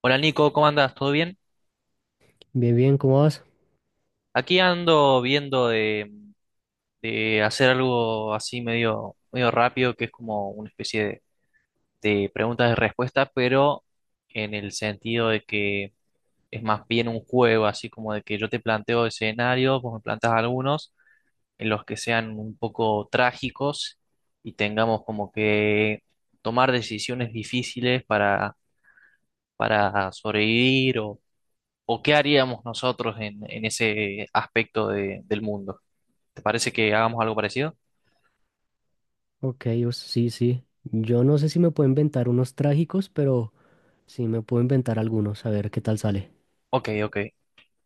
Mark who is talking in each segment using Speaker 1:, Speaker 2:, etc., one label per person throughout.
Speaker 1: Hola Nico, ¿cómo andas? ¿Todo bien?
Speaker 2: Bien, bien, ¿cómo vas?
Speaker 1: Aquí ando viendo de hacer algo así medio rápido, que es como una especie de preguntas y respuestas, pero en el sentido de que es más bien un juego, así como de que yo te planteo escenarios, vos me planteas algunos en los que sean un poco trágicos y tengamos como que tomar decisiones difíciles para sobrevivir o qué haríamos nosotros en ese aspecto del mundo. ¿Te parece que hagamos algo parecido?
Speaker 2: Ok, o- sí, sí. Yo no sé si me puedo inventar unos trágicos, pero sí me puedo inventar algunos, a ver qué tal sale.
Speaker 1: Ok, ok.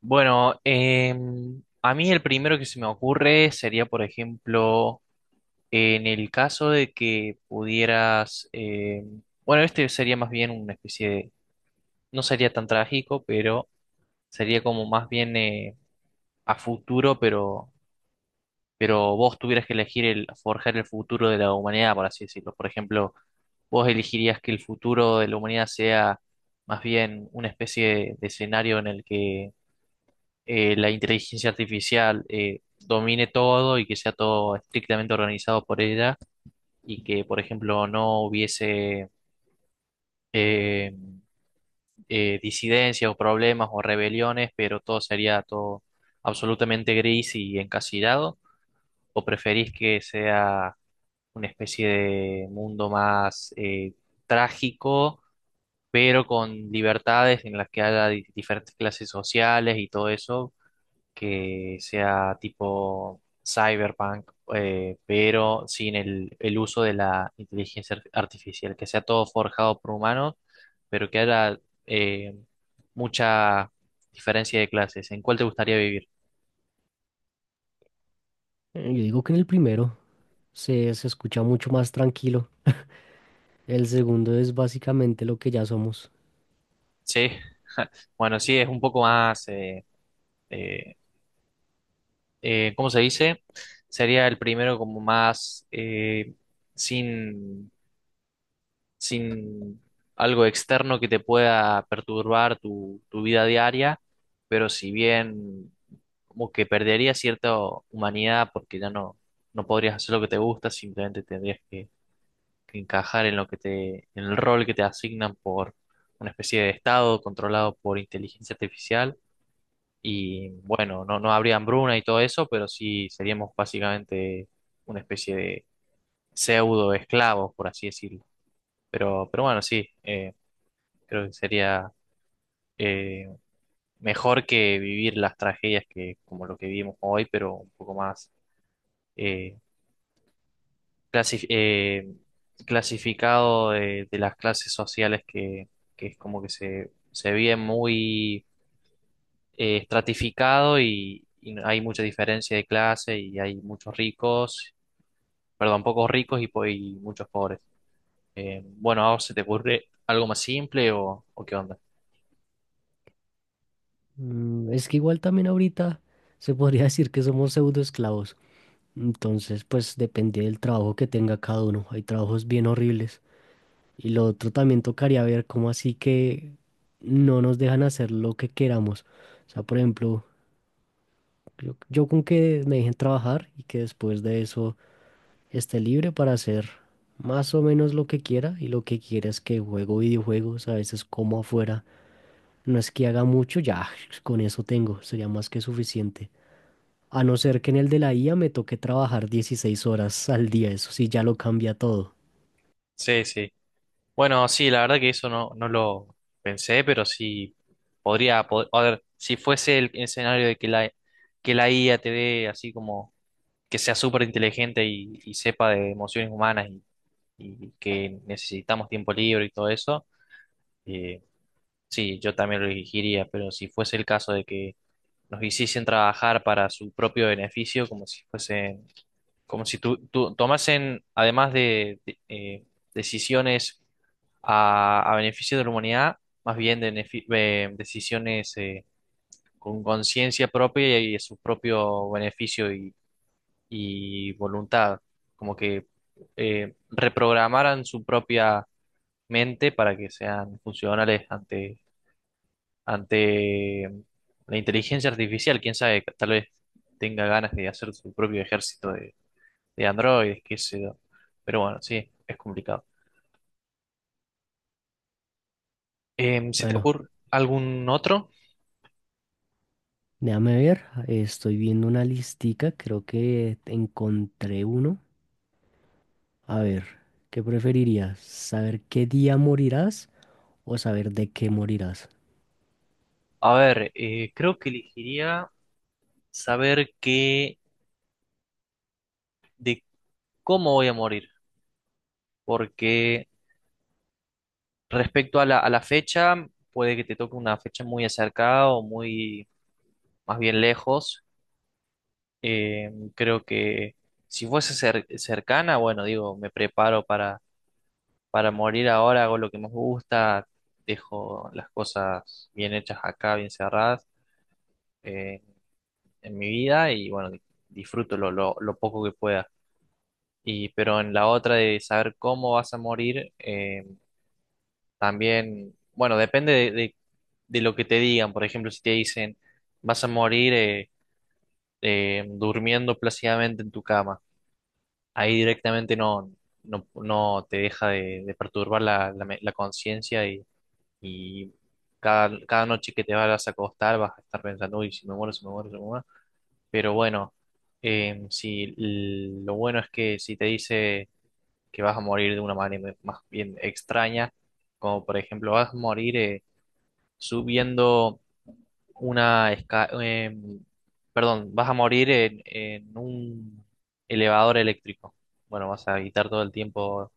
Speaker 1: Bueno, a mí el primero que se me ocurre sería, por ejemplo, en el caso de que pudieras, bueno, este sería más bien una especie de, no sería tan trágico, pero sería como más bien a futuro, pero vos tuvieras que elegir el, forjar el futuro de la humanidad, por así decirlo. Por ejemplo, ¿vos elegirías que el futuro de la humanidad sea más bien una especie de escenario en el que la inteligencia artificial domine todo y que sea todo estrictamente organizado por ella y que, por ejemplo, no hubiese eh, disidencias o problemas o rebeliones, pero todo sería todo absolutamente gris y encasillado? ¿O preferís que sea una especie de mundo más trágico, pero con libertades en las que haya diferentes clases sociales y todo eso, que sea tipo cyberpunk, pero sin el, el uso de la inteligencia artificial, que sea todo forjado por humanos, pero que haya eh, mucha diferencia de clases? ¿En cuál te gustaría vivir?
Speaker 2: Yo digo que en el primero se escucha mucho más tranquilo. El segundo es básicamente lo que ya somos.
Speaker 1: Sí, bueno, sí, es un poco más, eh, ¿cómo se dice? Sería el primero como más sin sin algo externo que te pueda perturbar tu vida diaria, pero si bien como que perdería cierta humanidad porque ya no podrías hacer lo que te gusta, simplemente tendrías que encajar en lo que te, en el rol que te asignan por una especie de estado controlado por inteligencia artificial. Y bueno, no habría hambruna y todo eso, pero sí seríamos básicamente. Creo que sería eh, mejor que vivir las tragedias que como lo que vivimos hoy, pero un poco más eh, clasi- eh, clasificado de las clases sociales que es como que se vive muy estratificado y no, hay mucha diferencia de clase y hay muchos ricos, perdón, pocos ricos y muchos pobres. Bueno, ¿a vos se te ocurre algo más simple o qué onda?
Speaker 2: Mm, es que igual también ahorita se podría decir que somos pseudoesclavos. Entonces, pues depende del trabajo que tenga cada uno. Hay trabajos bien horribles. Y lo otro también tocaría ver cómo así que no nos dejan hacer lo que queramos. O sea, por ejemplo... Yo con que me dejen trabajar y que después de eso esté libre para hacer más o menos lo que quiera, y lo que quiera es que juego videojuegos, a veces como afuera. No es que haga mucho, ya con eso tengo, sería más que suficiente. A no ser que en el de la IA me toque trabajar 16 horas al día, eso sí ya lo cambia todo.
Speaker 1: Sí, sí. Bueno, sí, la verdad que eso no lo pensé, pero sí a ver, si fuese el escenario de que que la IA te dé así como que sea súper inteligente y sepa de emociones humanas y que necesitamos tiempo libre y todo eso, eh, sí, yo también lo elegiría, pero si fuese el caso de que nos hiciesen trabajar para su propio beneficio, como si fuesen como si tú tomasen, además decisiones a beneficio de la humanidad, más bien de decisiones con conciencia propia y a su propio beneficio y voluntad, como que reprogramaran su propia mente para que sean funcionales ante la inteligencia artificial, quién sabe, tal vez tenga ganas de hacer su propio ejército de Android, qué sé yo. Pero bueno, sí, es complicado. ¿Se te
Speaker 2: Bueno,
Speaker 1: ocurre algún otro?
Speaker 2: déjame ver, estoy viendo una listica, creo que encontré uno. A ver, ¿qué preferirías? ¿Saber qué día morirás o saber de qué morirás?
Speaker 1: A ver, creo que elegiría saber qué, de cómo voy a morir, porque respecto a a la fecha, puede que te toque una fecha muy acercada o muy, más bien lejos. Creo que si fuese cercana, bueno, digo, me preparo para morir ahora, hago lo que más me gusta, dejo las cosas bien hechas acá, bien cerradas eh, en mi vida y bueno, disfruto lo poco que pueda. Y, pero en la otra de saber cómo vas a morir, también, bueno, depende de lo que te digan. Por ejemplo, si te dicen vas a morir durmiendo plácidamente en tu cama, ahí directamente no te deja de perturbar la conciencia y cada noche que te vas a acostar vas a estar pensando, uy, si me muero, si me muero, si me muero. Pero bueno, si l- lo bueno es que si te dice que vas a morir de una manera más bien extraña, como por ejemplo vas a morir subiendo una perdón, vas a morir en un elevador eléctrico. Bueno, vas a evitar todo el tiempo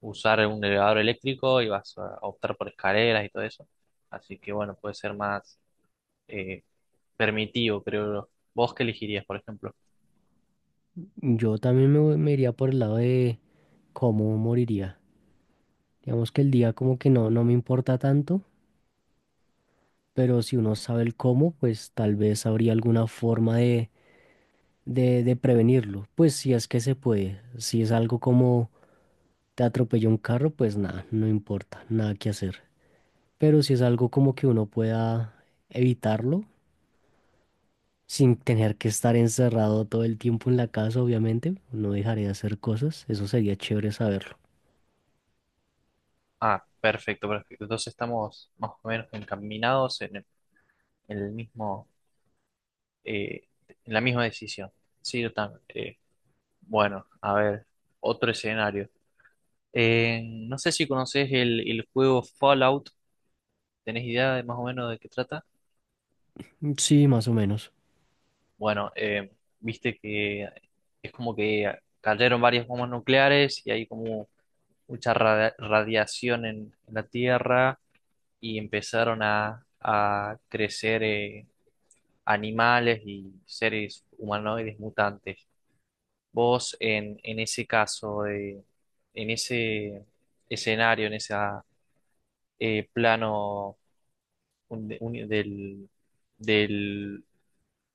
Speaker 1: usar un elevador eléctrico y vas a optar por escaleras y todo eso. Así que bueno, puede ser más eh, permitivo, creo yo. ¿Vos qué elegirías, por ejemplo?
Speaker 2: Yo también me iría por el lado de cómo moriría. Digamos que el día como que no, no me importa tanto, pero si uno sabe el cómo, pues tal vez habría alguna forma de, de prevenirlo. Pues si es que se puede. Si es algo como te atropelló un carro, pues nada, no importa, nada que hacer. Pero si es algo como que uno pueda evitarlo, sin tener que estar encerrado todo el tiempo en la casa, obviamente, no dejaré de hacer cosas, eso sería chévere saberlo.
Speaker 1: Ah, perfecto, perfecto. Entonces estamos más o menos encaminados en el mismo, eh, en la misma decisión. Sí, yo también. Bueno, a ver, otro escenario. Eh, no sé si conoces el juego Fallout. ¿Tenés idea de más o menos de qué trata?
Speaker 2: Mm, sí, más o menos.
Speaker 1: Bueno, viste que es como que cayeron varias bombas nucleares y hay como mucha radiación en la Tierra y empezaron a crecer animales y seres humanoides mutantes. Vos en ese caso, de, en ese escenario, en ese plano del, del-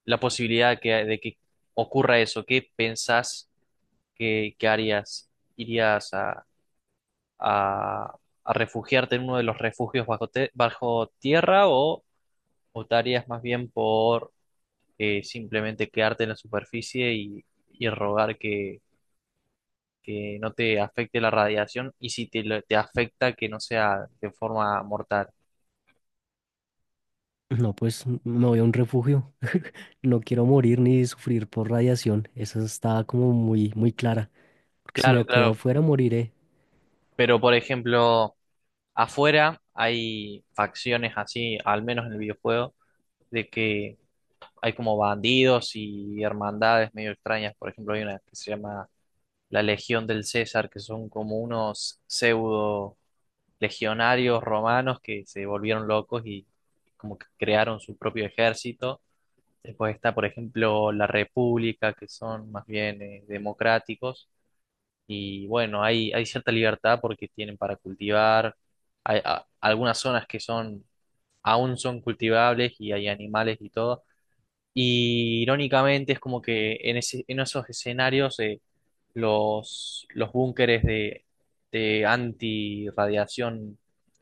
Speaker 1: la posibilidad que, de que ocurra eso, ¿qué pensás que harías? ¿Irías a- a refugiarte en uno de los refugios bajo tierra o optarías más bien por que simplemente quedarte en la superficie y rogar que no te afecte la radiación y si te, te afecta que no sea de forma mortal?
Speaker 2: No, pues me voy a un refugio. No quiero morir ni sufrir por radiación. Esa está como muy, muy clara. Porque si
Speaker 1: Claro,
Speaker 2: me quedo
Speaker 1: claro,
Speaker 2: afuera, moriré.
Speaker 1: pero por ejemplo, afuera hay facciones así, al menos en el videojuego, de que hay como bandidos y hermandades medio extrañas. Por ejemplo, hay una que se llama la Legión del César, que son como unos pseudo legionarios romanos que se volvieron locos y como que crearon su propio ejército. Después está, por ejemplo, la República, que son más bien democráticos. Y bueno, hay cierta libertad porque tienen para cultivar. Hay algunas zonas que son, aún son cultivables y hay animales y todo. Y irónicamente es como que en en esos escenarios los búnkeres de antirradiación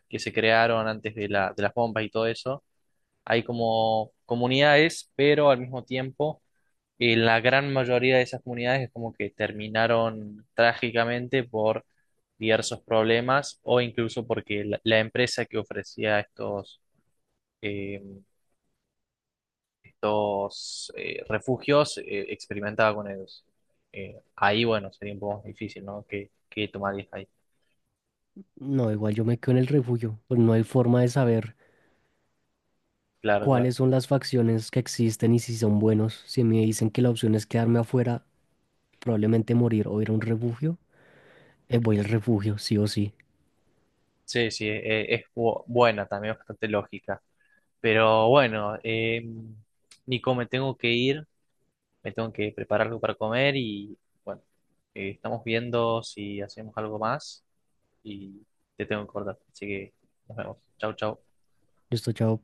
Speaker 1: que se crearon antes de de las bombas y todo eso, hay como comunidades, pero al mismo tiempo la gran mayoría de esas comunidades es como que terminaron trágicamente por diversos problemas o incluso porque la empresa que ofrecía eh, estos refugios experimentaba con ellos. Ahí, bueno, sería un poco más difícil, ¿no? ¿Qué, qué tomarías ahí?
Speaker 2: No, igual yo me quedo en el refugio. Pues no hay forma de saber
Speaker 1: Claro, claro.
Speaker 2: cuáles son las facciones que existen y si son buenos. Si me dicen que la opción es quedarme afuera, probablemente morir o ir a un refugio, voy al refugio, sí o sí.
Speaker 1: Sí, sí, buena también, bastante lógica. Pero bueno, Nico, me tengo que ir, me tengo que preparar algo para comer y bueno, estamos viendo si hacemos algo más y te tengo que cortar. Así que nos vemos. Chau, chau.
Speaker 2: Listo, chao.